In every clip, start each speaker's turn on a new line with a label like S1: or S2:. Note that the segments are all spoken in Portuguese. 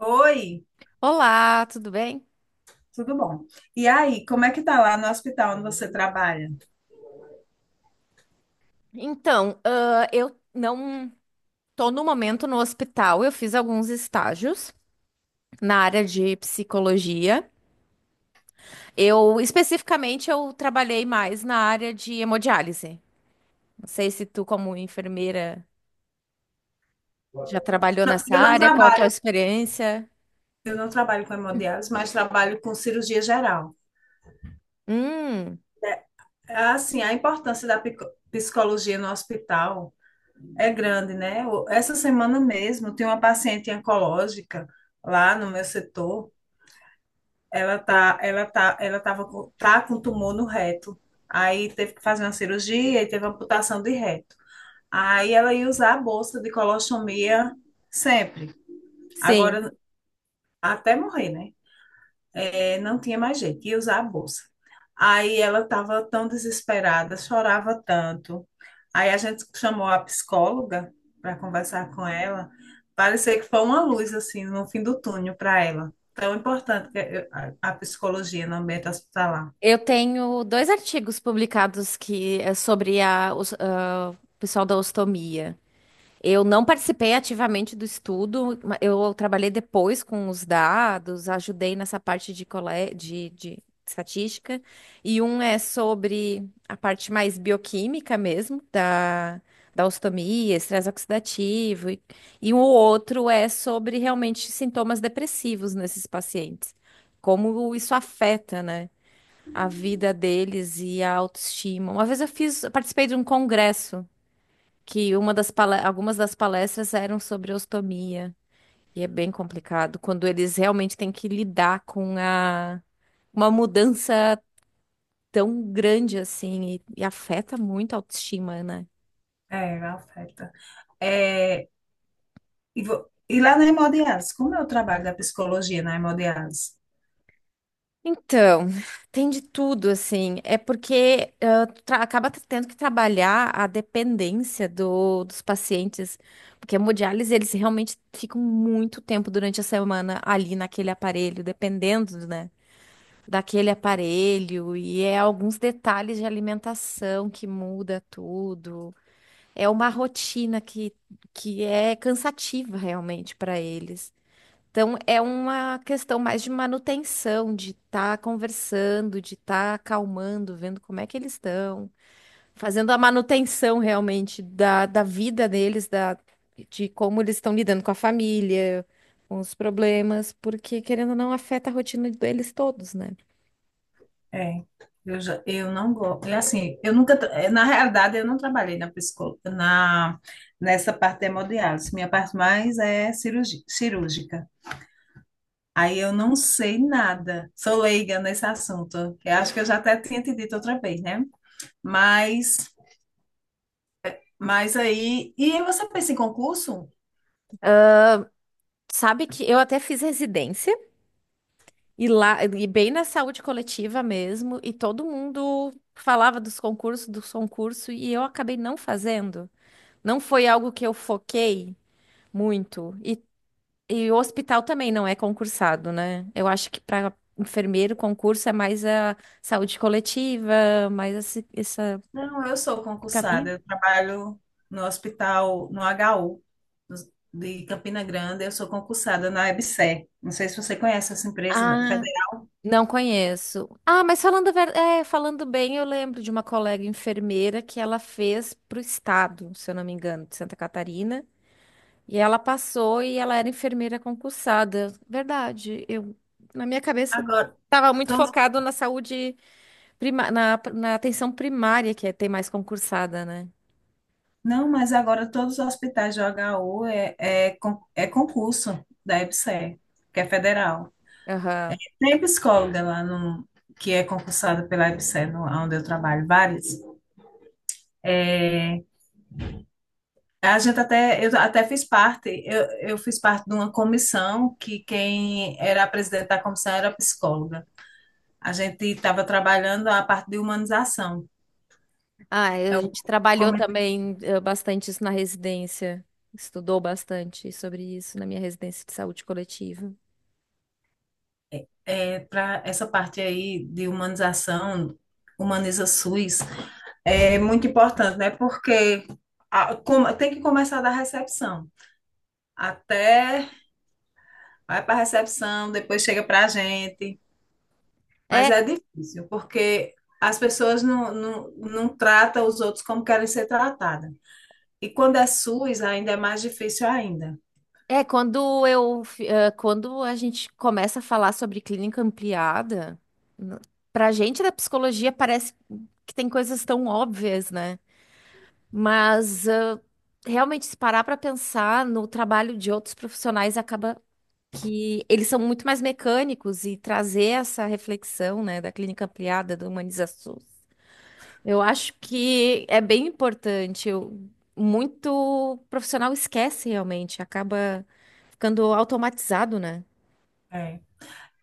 S1: Oi,
S2: Olá, tudo bem?
S1: tudo bom? E aí, como é que tá lá no hospital onde você trabalha?
S2: Eu não tô no momento no hospital. Eu fiz alguns estágios na área de psicologia. Eu especificamente eu trabalhei mais na área de hemodiálise. Não sei se tu, como enfermeira, já trabalhou
S1: Não,
S2: nessa
S1: eu não
S2: área. Qual a tua
S1: trabalho,
S2: experiência?
S1: eu não trabalho com hemodiálise, mas trabalho com cirurgia geral.
S2: Hum,
S1: Assim, a importância da psicologia no hospital é grande, né? Essa semana mesmo tem uma paciente oncológica lá no meu setor. Ela tá, ela tá, ela tava com, tá com tumor no reto. Aí teve que fazer uma cirurgia e teve amputação de reto. Aí ela ia usar a bolsa de colostomia sempre.
S2: sim.
S1: Agora, até morrer, né? É, não tinha mais jeito, ia usar a bolsa. Aí ela estava tão desesperada, chorava tanto. Aí a gente chamou a psicóloga para conversar com ela. Parecia que foi uma luz, assim, no fim do túnel para ela. Tão importante a psicologia no ambiente hospitalar.
S2: Eu tenho dois artigos publicados que é sobre o pessoal da ostomia. Eu não participei ativamente do estudo, eu trabalhei depois com os dados, ajudei nessa parte de estatística, e um é sobre a parte mais bioquímica mesmo, da ostomia, estresse oxidativo, e o outro é sobre realmente sintomas depressivos nesses pacientes, como isso afeta, né, a vida deles e a autoestima. Uma vez eu fiz, eu participei de um congresso que algumas das palestras eram sobre ostomia, e é bem complicado quando eles realmente têm que lidar com uma mudança tão grande assim e afeta muito a autoestima, né?
S1: É, afeta. É, e lá na hemodiálise, como é o trabalho da psicologia na hemodiálise?
S2: Então, tem de tudo, assim. É porque acaba tendo que trabalhar a dependência dos pacientes, porque a hemodiálise, eles realmente ficam muito tempo durante a semana ali naquele aparelho, dependendo, né? Daquele aparelho e é alguns detalhes de alimentação que muda tudo. É uma rotina que é cansativa realmente para eles. Então, é uma questão mais de manutenção, de estar conversando, de estar acalmando, vendo como é que eles estão, fazendo a manutenção realmente da vida deles, da, de como eles estão lidando com a família, com os problemas, porque querendo ou não, afeta a rotina deles todos, né?
S1: É, eu não gosto. É assim, eu nunca, tra- eh, na realidade, eu não trabalhei nessa parte de hemodiálise. Minha parte mais é cirúrgica. Aí eu não sei nada. Sou leiga nesse assunto. Eu acho que eu já até tinha te dito outra vez, né? Mas, mas aí. E aí você pensa em concurso?
S2: Sabe que eu até fiz residência e lá, e bem na saúde coletiva mesmo, e todo mundo falava dos concursos, e eu acabei não fazendo. Não foi algo que eu foquei muito. E o hospital também não é concursado, né? Eu acho que para enfermeiro, concurso é mais a saúde coletiva, mais esse
S1: Não, eu sou concursada.
S2: caminho.
S1: Eu trabalho no hospital, no HU de Campina Grande, eu sou concursada na EBSER. Não sei se você conhece essa empresa.
S2: Ah, não conheço. Ah, mas falando, falando bem, eu lembro de uma colega enfermeira que ela fez para o estado, se eu não me engano, de Santa Catarina. E ela passou e ela era enfermeira concursada. Verdade. Eu, na minha cabeça,
S1: Agora,
S2: estava muito
S1: todos-
S2: focado na saúde na atenção primária, que é ter mais concursada, né?
S1: não, mas agora todos os hospitais de HU é concurso da EBSER, que é federal.
S2: Aham.
S1: Tem psicóloga lá no, que é concursada pela EBSER, no, onde eu trabalho, várias. É, a gente até, eu até fiz parte, eu fiz parte de uma comissão que quem era a presidente da comissão era psicóloga. A gente estava trabalhando a parte de humanização.
S2: Ah,
S1: É
S2: a
S1: o
S2: gente trabalhou também bastante isso na residência. Estudou bastante sobre isso na minha residência de saúde coletiva.
S1: é, para essa parte aí de humanização, humaniza SUS, é muito importante, né? Porque tem que começar da recepção. Até vai para a recepção, depois chega para a gente. Mas
S2: É.
S1: é difícil, porque as pessoas não tratam os outros como querem ser tratadas. E quando é SUS, ainda é mais difícil ainda.
S2: É, quando eu, fi- eh, quando a gente começa a falar sobre clínica ampliada, n- pra gente da psicologia parece que tem coisas tão óbvias, né? Mas realmente se parar pra pensar no trabalho de outros profissionais acaba que eles são muito mais mecânicos e trazer essa reflexão, né, da clínica ampliada, do humanização eu acho que é bem importante. Muito profissional esquece realmente, acaba ficando automatizado, né?
S1: É.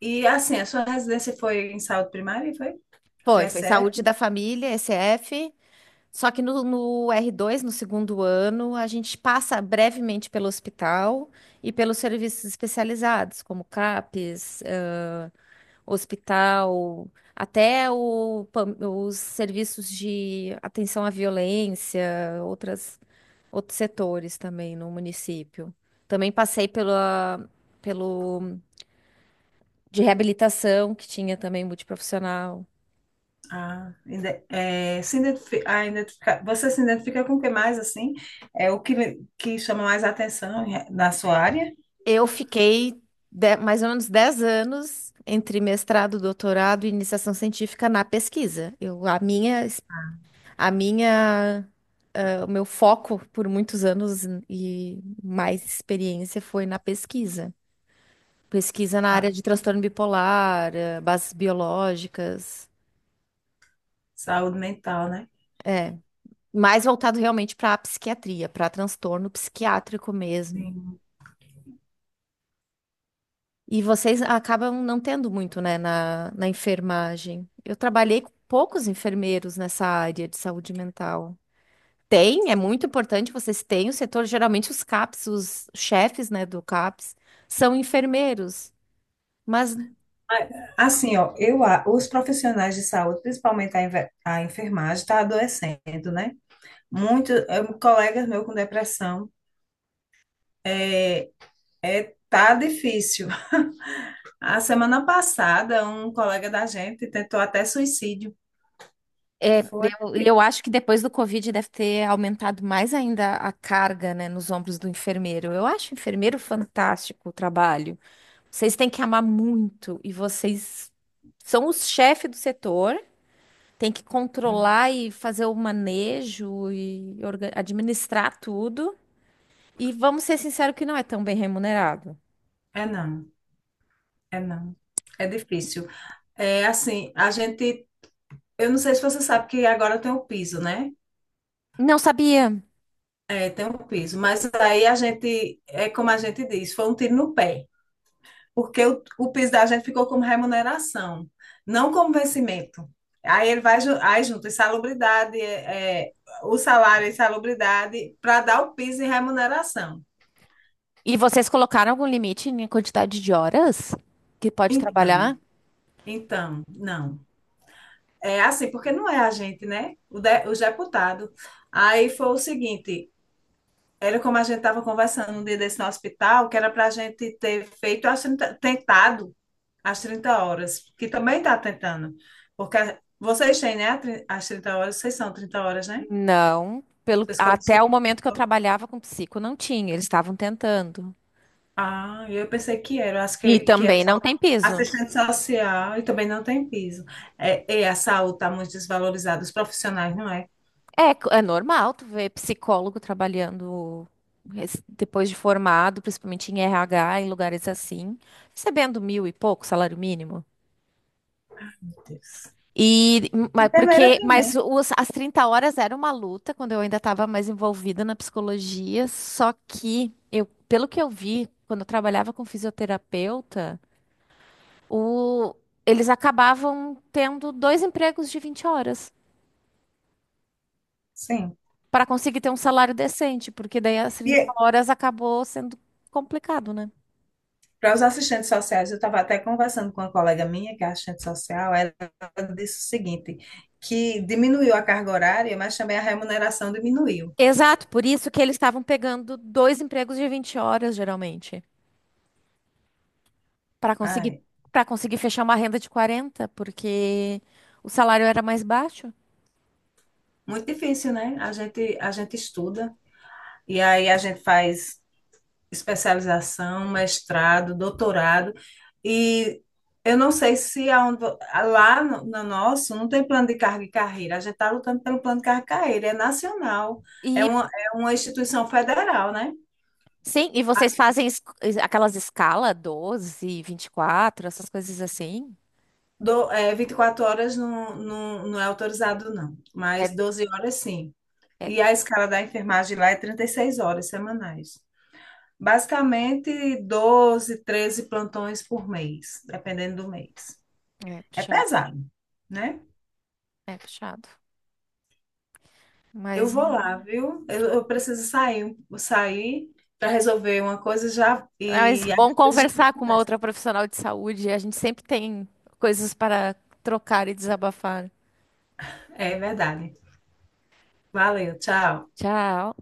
S1: E assim, a sua residência foi em saúde primária, foi?
S2: Foi, foi
S1: PSF?
S2: Saúde da Família, ECF. Só que no r dois, no segundo ano, a gente passa brevemente pelo hospital e pelos serviços especializados, como CAPS, hospital, até o os serviços de atenção à violência, outras outros setores também no município. Também passei pelo de reabilitação, que tinha também multiprofissional.
S1: Ah, ide- é, se identifi- ah, identifica- você se identifica com o que mais, assim? É o que, que chama mais atenção na sua área?
S2: Eu fiquei mais ou menos 10 anos entre mestrado, doutorado e iniciação científica na pesquisa. Eu, a minha, eh, O meu foco por muitos anos e mais experiência foi na pesquisa. Pesquisa na
S1: A
S2: área de transtorno bipolar, bases biológicas.
S1: saúde mental, né?
S2: eh, Mais voltado realmente para a psiquiatria, para transtorno psiquiátrico mesmo.
S1: Sim.
S2: E vocês acabam não tendo muito, né, na enfermagem. Eu trabalhei com poucos enfermeiros nessa área de saúde mental. Tem, é muito importante, vocês têm o setor, geralmente os CAPS, os chefes, né, do CAPS, são enfermeiros. Mas
S1: Ah, assim, ó, os profissionais de saúde, principalmente a enfermagem, está adoecendo, né? Muitos colegas meus com depressão, é, tá difícil. A semana passada, um colega da gente tentou até suicídio. Foi.
S2: eu acho que depois do Covid deve ter aumentado mais ainda a carga, né, nos ombros do enfermeiro. Eu acho enfermeiro fantástico o trabalho. Vocês têm que amar muito e vocês são os chefes do setor, tem que controlar e fazer o manejo e administrar tudo. E vamos ser sinceros que não é tão bem remunerado.
S1: É não, é não. É difícil. É assim, a gente, eu não sei se você sabe que agora tem o piso, né?
S2: Não sabia.
S1: É, tem o piso, mas aí a gente, é como a gente diz, foi um tiro no pé, porque o piso da gente ficou como remuneração, não como vencimento. Aí ele vai, aí junto insalubridade, o salário e insalubridade, para dar o piso em remuneração.
S2: E vocês colocaram algum limite na quantidade de horas que pode
S1: Então,
S2: trabalhar?
S1: então, não. É assim, porque não é a gente, né? O deputado. Aí foi o seguinte. Era como a gente estava conversando um dia desse no hospital, que era para a gente ter feito, as 30 tentado as 30 horas, que também está tentando. Porque vocês têm, né, as 30 horas, vocês são 30 horas, né?
S2: Não. Pelo, até
S1: Psicologia.
S2: o momento que eu trabalhava com psico, não tinha. Eles estavam tentando.
S1: Ah, eu pensei que era, eu acho
S2: E
S1: que é
S2: também
S1: só
S2: não tem piso.
S1: assistente social e também não tem piso. É, e a saúde está muito desvalorizada, os profissionais, não é?
S2: É, é normal tu ver psicólogo trabalhando depois de formado, principalmente em RH, em lugares assim, recebendo mil e pouco salário mínimo.
S1: Meu Deus.
S2: E, mas
S1: Enfermeira
S2: porque, mas
S1: também,
S2: as 30 horas era uma luta quando eu ainda estava mais envolvida na psicologia, só que eu, pelo que eu vi, quando eu trabalhava com fisioterapeuta, o- eles acabavam tendo dois empregos de 20 horas
S1: sim.
S2: para conseguir ter um salário decente, porque daí as 30
S1: E
S2: horas acabou sendo complicado, né?
S1: para os assistentes sociais, eu estava até conversando com uma colega minha, que é assistente social, ela disse o seguinte, que diminuiu a carga horária, mas também a remuneração diminuiu.
S2: Exato, por isso que eles estavam pegando dois empregos de 20 horas, geralmente, para conseguir
S1: Ai,
S2: para conseguir fechar uma renda de 40, porque o salário era mais baixo.
S1: muito difícil, né? A gente estuda, e aí a gente faz especialização, mestrado, doutorado, e eu não sei se lá no, nosso não tem plano de carga e carreira, a gente está lutando pelo plano de carga e carreira, é nacional, é
S2: E
S1: uma, é uma instituição federal, né?
S2: sim, e vocês fazem aquelas escala 12, 24, essas coisas assim.
S1: Vinte e quatro horas não não é autorizado, não, mas
S2: É,
S1: 12 horas sim.
S2: é,
S1: E a escala da enfermagem lá é 36 horas semanais. Basicamente, 12 13 plantões por mês, dependendo do mês.
S2: É
S1: É
S2: puxado,
S1: pesado, né?
S2: é puxado.
S1: Eu
S2: Mas
S1: vou lá, viu? Eu preciso sair para resolver uma coisa já e
S2: Mas
S1: às
S2: bom
S1: vezes já tem
S2: conversar com uma
S1: conversa.
S2: outra profissional de saúde. A gente sempre tem coisas para trocar e desabafar.
S1: É verdade. Valeu, tchau.
S2: Tchau.